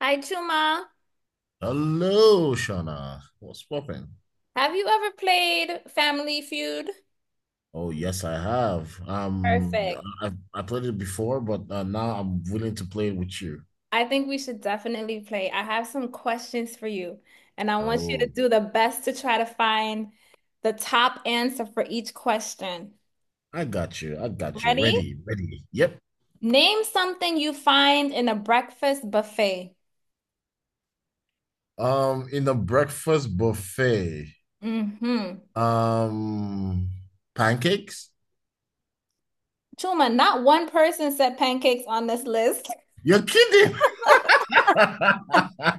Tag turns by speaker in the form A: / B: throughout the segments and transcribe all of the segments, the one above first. A: Hi, Chuma.
B: Hello, Shauna. What's poppin'?
A: Have you ever played Family Feud?
B: Oh, yes, I have. Um,
A: Perfect.
B: I I played it before, but now I'm willing to play it with you.
A: I think we should definitely play. I have some questions for you, and I want you to
B: Oh,
A: do the best to try to find the top answer for each question.
B: I got you. I got you.
A: Ready?
B: Ready, ready. Yep.
A: Name something you find in a breakfast buffet.
B: In the breakfast buffet.
A: Hmm.
B: Um, Pancakes?
A: Chuma, not one person said pancakes on this list,
B: You're kidding.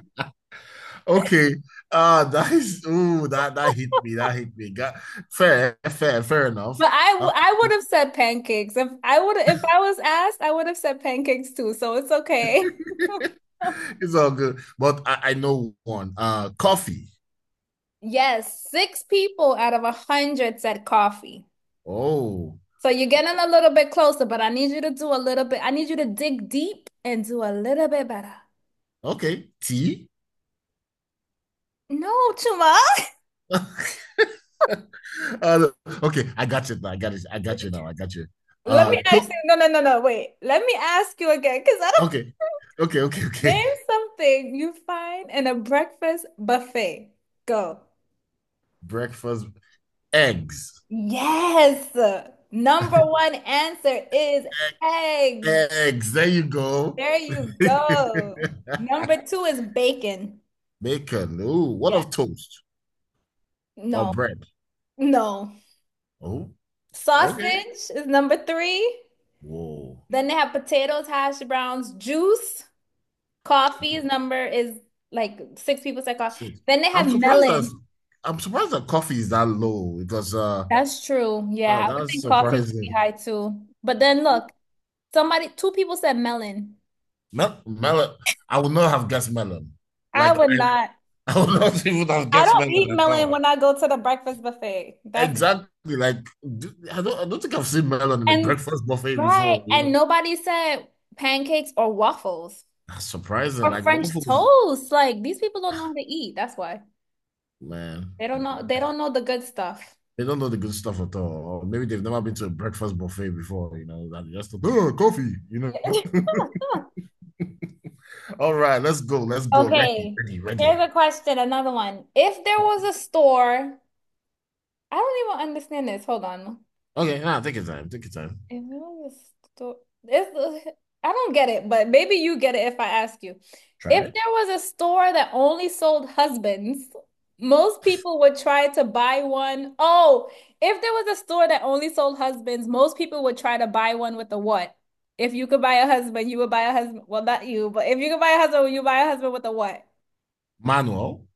B: Okay. That is, ooh, that hit me. That hit me. Got fair, fair, fair enough.
A: but I,
B: Uh,
A: w- I would have said pancakes. If I was asked, I would have said pancakes too, so it's okay.
B: it's all good. But I know one. Coffee.
A: Yes, six people out of 100 said coffee.
B: Oh,
A: So you're getting a little bit closer, but I need you to do a little bit. I need you to dig deep and do a little bit better.
B: okay. Tea.
A: No, Chuma.
B: uh, okay, I got you now. I got it. I got you now. I got you.
A: Let
B: Uh,
A: me
B: to-
A: ask you. No, no, no, no. Wait. Let me ask you again, because I don't.
B: okay, okay, okay, okay.
A: Name something you find in a breakfast buffet. Go.
B: Breakfast eggs.
A: Yes. Number one answer is
B: E-
A: eggs.
B: Eggs. There you go.
A: There you go. Number two is bacon.
B: Bacon. Ooh, what
A: Yeah.
B: of toast or
A: No,
B: bread?
A: no.
B: Oh, okay.
A: Sausage is number three.
B: Whoa.
A: Then they have potatoes, hash browns, juice, coffee is
B: Two,
A: number is like six people said coffee.
B: six.
A: Then they have
B: I'm surprised that
A: melon.
B: I'm surprised that coffee is that low because
A: That's true. Yeah,
B: oh,
A: I would
B: that's
A: think coffee would be
B: surprising.
A: high too. But then look, somebody, two people said melon.
B: Melon. I would not have guessed melon.
A: I
B: Like
A: would not.
B: I would not even have
A: I
B: guessed
A: don't
B: melon
A: eat
B: at
A: melon
B: all.
A: when I go to the breakfast buffet. That's
B: Exactly. Like I don't. I don't think I've seen melon in a
A: and
B: breakfast buffet
A: right.
B: before. You know?
A: And nobody said pancakes or waffles
B: That's surprising.
A: or
B: Like
A: French
B: waffles,
A: toast. Like these people don't know how to eat. That's why.
B: man.
A: They don't know the good stuff.
B: They don't know the good stuff at all. Or maybe they've never been to a breakfast buffet before. You know that they just oh coffee. You
A: Yeah.
B: know. All right, let's go. Let's go. Ready,
A: Okay,
B: ready,
A: here's
B: ready.
A: a question, another one. If there was a store, I don't even understand this. Hold on.
B: Okay, now take your time. Take your time.
A: If it was a sto- it's, I don't get it, but maybe you get it if I ask you.
B: Try
A: If
B: it.
A: there was a store that only sold husbands, most people would try to buy one. Oh, if there was a store that only sold husbands, most people would try to buy one with a what? If you could buy a husband, you would buy a husband. Well, not you, but if you could buy a husband, you buy a husband with a what?
B: Manual.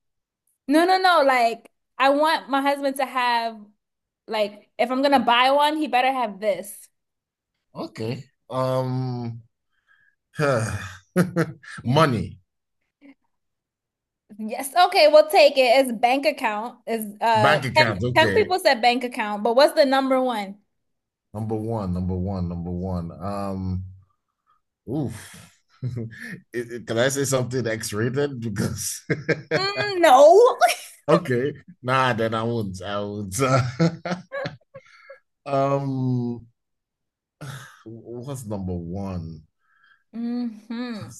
A: No, no, no. Like, I want my husband to have, like, if I'm gonna buy one, he better have this.
B: Okay. Um. Money,
A: Yes. Okay, we'll take it. It's bank account. Is
B: bank
A: 10,
B: accounts.
A: 10
B: Okay,
A: people said bank account, but what's the number one?
B: number one, number one, number one. Oof. Can I say something X-rated? Because
A: Mm, no.
B: okay, nah, then I won't. I won't. um, what's number one?
A: Mm-hmm.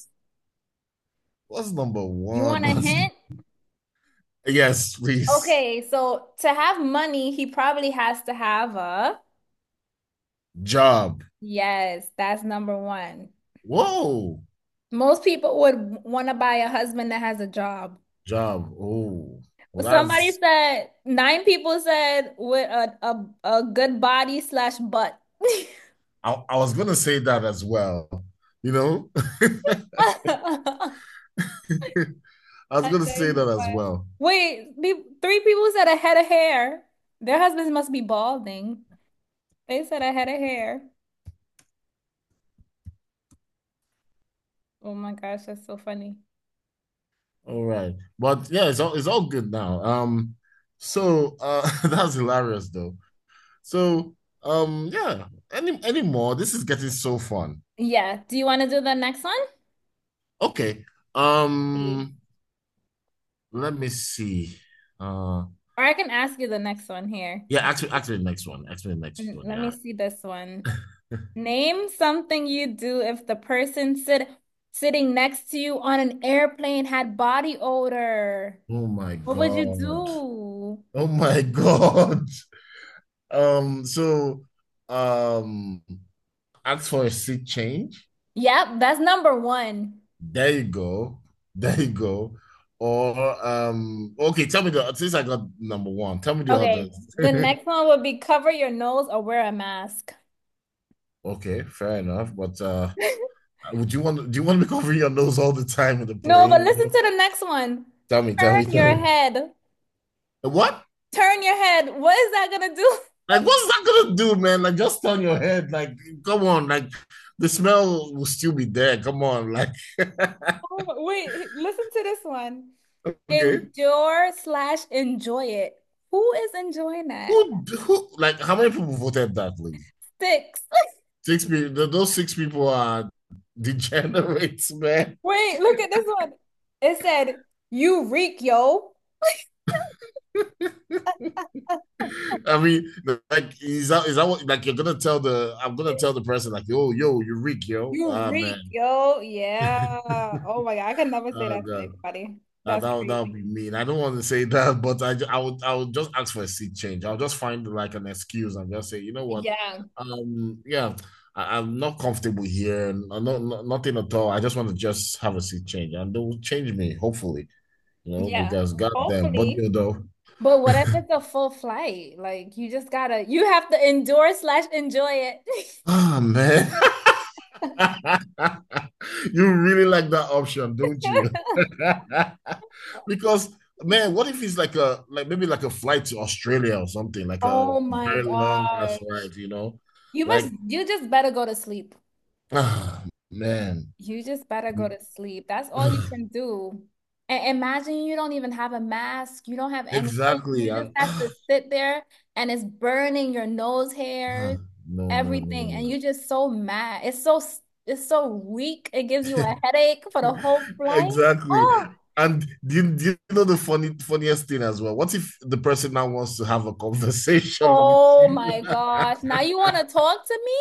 B: What's number
A: You want
B: one?
A: a
B: What's.
A: hint?
B: Yes, please.
A: Okay, so to have money, he probably has to have a.
B: Job.
A: Yes, that's number one.
B: Whoa,
A: Most people would want to buy a husband that has a job.
B: job. Oh, well,
A: Somebody
B: that's.
A: said nine people said with a good body slash butt.
B: I was gonna say that as well. You know. I was
A: And
B: gonna
A: they
B: say that as
A: but
B: well.
A: wait, three people said a head of hair. Their husbands must be balding. They said a head of hair. Oh my gosh, that's so funny.
B: All right, but yeah, it's all good now. So that's hilarious though. So yeah. Any more? This is getting so fun.
A: Yeah. Do you want to do the next one?
B: Okay.
A: See.
B: Um, Let me see. Uh,
A: Or I can ask you the next one here.
B: yeah. Actually, the next one. Actually, the next one.
A: Let me
B: Yeah.
A: see this one. Name something you do if the person sitting next to you on an airplane had body odor.
B: Oh my
A: What would you
B: God.
A: do?
B: Oh my God. So um, ask for a seat change.
A: Yep, that's number one.
B: There you go. There you go. Or okay, tell me the since I got number one, tell me the
A: Okay,
B: others.
A: the next one would be cover your nose or wear a mask.
B: Okay, fair enough. But would you want do you want to be covering your nose all the time with a
A: No, but
B: plane?
A: listen to the next one.
B: Tell me, tell me,
A: Turn your
B: tell me.
A: head.
B: What?
A: Turn your head. What is that gonna do?
B: Like what's that gonna do, man? Like just turn your head, like come on, like the smell will still be there. Come on, like.
A: Oh, wait, listen to this one.
B: Okay.
A: Endure slash enjoy it. Who is enjoying that?
B: Who Like how many people voted that, please?
A: Six.
B: Six people, those six people are degenerates, man.
A: Wait, look at this one. It said, you reek, yo.
B: I mean, like is that what, like you're gonna tell the I'm gonna tell the person like yo you're weak yo,
A: You reek,
B: man.
A: yo. Yeah. Oh my God. I could never say
B: Oh
A: that to
B: god.
A: anybody.
B: Ah,
A: That's
B: that would
A: crazy.
B: be mean. I don't want to say that, but I would just ask for a seat change. I'll just find like an excuse and just say, you know what,
A: Yeah.
B: yeah, I'm not comfortable here, and I not, nothing at all. I just want to just have a seat change, and they'll change me, hopefully. You know,
A: Yeah.
B: because goddamn. But
A: Hopefully.
B: you know.
A: But what if it's a full flight? Like you have to endure slash enjoy it.
B: Man. You really like that option, don't you? Because man, what if it's like a, like maybe like a flight to Australia or something, like a
A: Oh my
B: very long ass
A: God.
B: flight, you know?
A: You must,
B: Like
A: you just better go to sleep.
B: ah, man.
A: You just better go to sleep. That's all you can do. And imagine you don't even have a mask. You don't have anything.
B: Exactly.
A: You just
B: And
A: have to sit there and it's burning your nose
B: ah,
A: hairs,
B: no, no, no,
A: everything. And
B: no,
A: you're just so mad. It's so weak. It gives you a headache for
B: no.
A: the whole flight.
B: Exactly. And do you know the funny funniest thing as well? What if the person now wants to have a conversation with
A: Oh
B: you?
A: my gosh. Now you want to talk to me?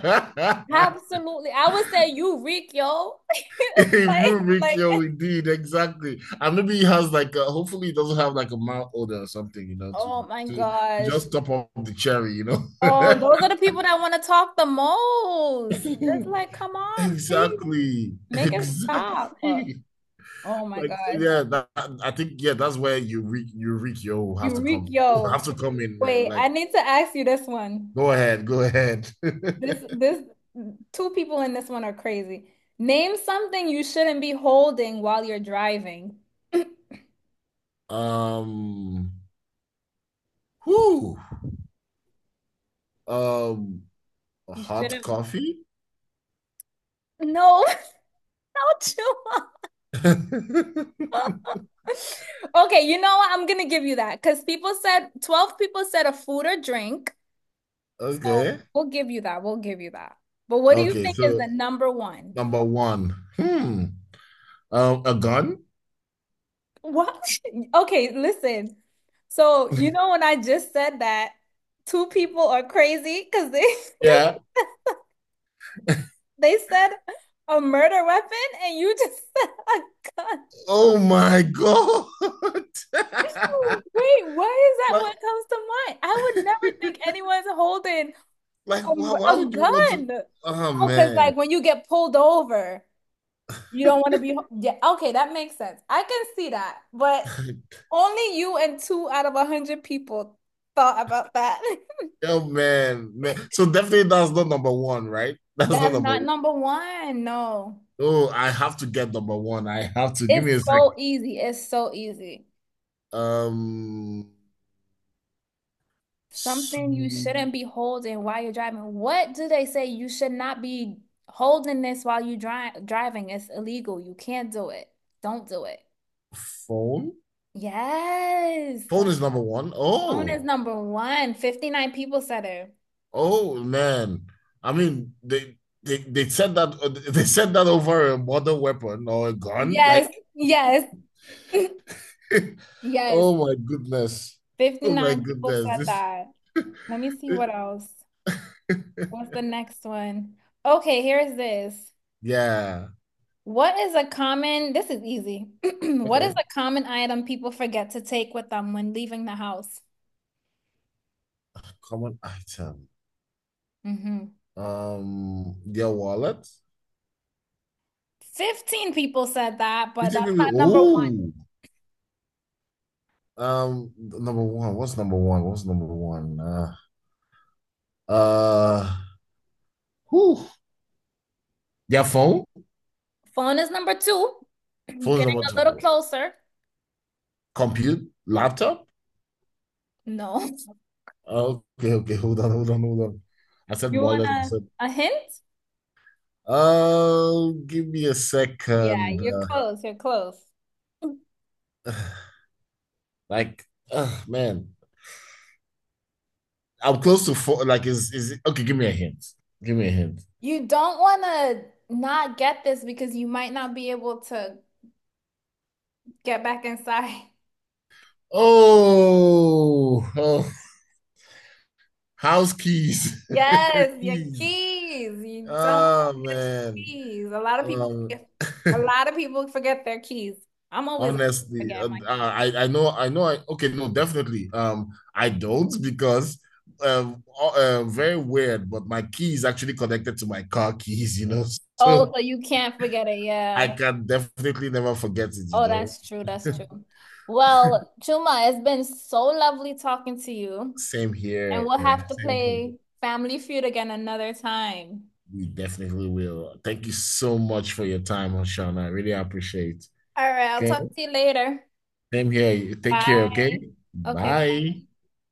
A: Absolutely. I would say you reek, yo.
B: If
A: Like,
B: you make
A: like,
B: your indeed, exactly. And maybe he has like a, hopefully he doesn't have like a mouth odor or something, you know, to
A: oh my
B: to
A: gosh.
B: just top up the cherry, you know.
A: Oh, those are the people that want to talk the most. It's like, come on, please.
B: Exactly.
A: Make it stop. Oh,
B: Exactly.
A: oh my
B: Like
A: gosh.
B: yeah, that, I think yeah, that's where you reach yo have
A: You
B: to
A: reek,
B: come have
A: yo.
B: to come in, man.
A: Wait,
B: Like
A: I need to ask you this one.
B: go ahead, go ahead.
A: This, this, two people in this one are crazy. Name something you shouldn't be holding while you're driving.
B: Um Whoo. Um
A: You
B: Hot
A: shouldn't.
B: coffee?
A: No, not Chua. Okay, you know what? I'm gonna give you that because people said 12 people said a food or drink. So
B: Okay.
A: we'll give you that. We'll give you that. But what do you
B: Okay,
A: think is
B: so
A: the number one?
B: number one. Hmm. A gun?
A: What? Okay, listen. So you know when I just said that two people are crazy because they because
B: Yeah.
A: they said a murder weapon and you just said a gun.
B: Oh my God.
A: Wait, why is that
B: like,
A: what comes to mind? I would never think anyone's holding
B: like
A: Um,
B: why
A: a
B: would you want to?
A: gun.
B: Oh
A: Oh, because
B: man.
A: like when you get pulled over, you don't want to be. Yeah, okay, that makes sense. I can see that, but only you and two out of 100 people thought about that.
B: Oh man, man. So definitely that's not number one, right? That's not
A: That's
B: number
A: not
B: one.
A: number one. No,
B: Oh, I have to get number one. I have to give me a
A: it's
B: sec.
A: so easy. It's so easy.
B: Um, so
A: Something you shouldn't be holding while you're driving. What do they say? You should not be holding this while you driving. It's illegal. You can't do it. Don't do it.
B: Phone.
A: Yes.
B: Phone is number one.
A: Phone is
B: Oh,
A: number one. 59 people said it.
B: oh man, I mean they said that they said that over a modern weapon or a gun.
A: Yes,
B: Like,
A: yes, yes.
B: oh my goodness, oh my
A: 59 people
B: goodness,
A: said
B: this.
A: that. Let me see what else. What's the next one? Okay, here's this.
B: Yeah.
A: What is a common, this is easy. What is
B: Okay.
A: a common item people forget to take with them when leaving the house?
B: Common item.
A: Hmm.
B: Your wallet.
A: 15 people said that,
B: You
A: but
B: think
A: that's not
B: people?
A: number one.
B: Ooh. Number one. What's number one? What's number one? Uh. Whew. Their phone.
A: Phone is number two. You're
B: Phone's
A: getting
B: number
A: a little
B: two.
A: closer.
B: Compute. Laptop.
A: No.
B: Okay, okay, hold on, hold on, hold on. I said
A: You want
B: wallet. I
A: a,
B: said,
A: a hint?
B: oh, give me a
A: Yeah,
B: second.
A: you're close. You're close.
B: Uh, like, man, I'm close to four. Like, okay? Give me a hint. Give me a hint.
A: You don't want to not get this because you might not be able to get back inside.
B: Oh, oh, house keys,
A: Yes, your
B: keys.
A: keys. You don't want
B: Oh
A: to forget your
B: man.
A: keys. A lot of people
B: Um,
A: forget, a lot of people forget their keys. I'm always
B: Honestly,
A: forgetting my keys.
B: I know, I, okay, no, definitely, I don't because very weird, but my key is actually connected to my car keys, you know,
A: Oh,
B: so
A: so you can't forget it.
B: I
A: Yeah.
B: can definitely never forget it, you
A: Oh,
B: know.
A: that's true. That's true. Well, Chuma, it's been so lovely talking to you,
B: Same here.
A: and we'll have to
B: Same here,
A: play Family Feud again another time.
B: we definitely will. Thank you so much for your time, Oshana. I really appreciate.
A: All right, I'll
B: Okay.
A: talk to you later.
B: Same here, take care. Okay,
A: Bye. Okay,
B: bye.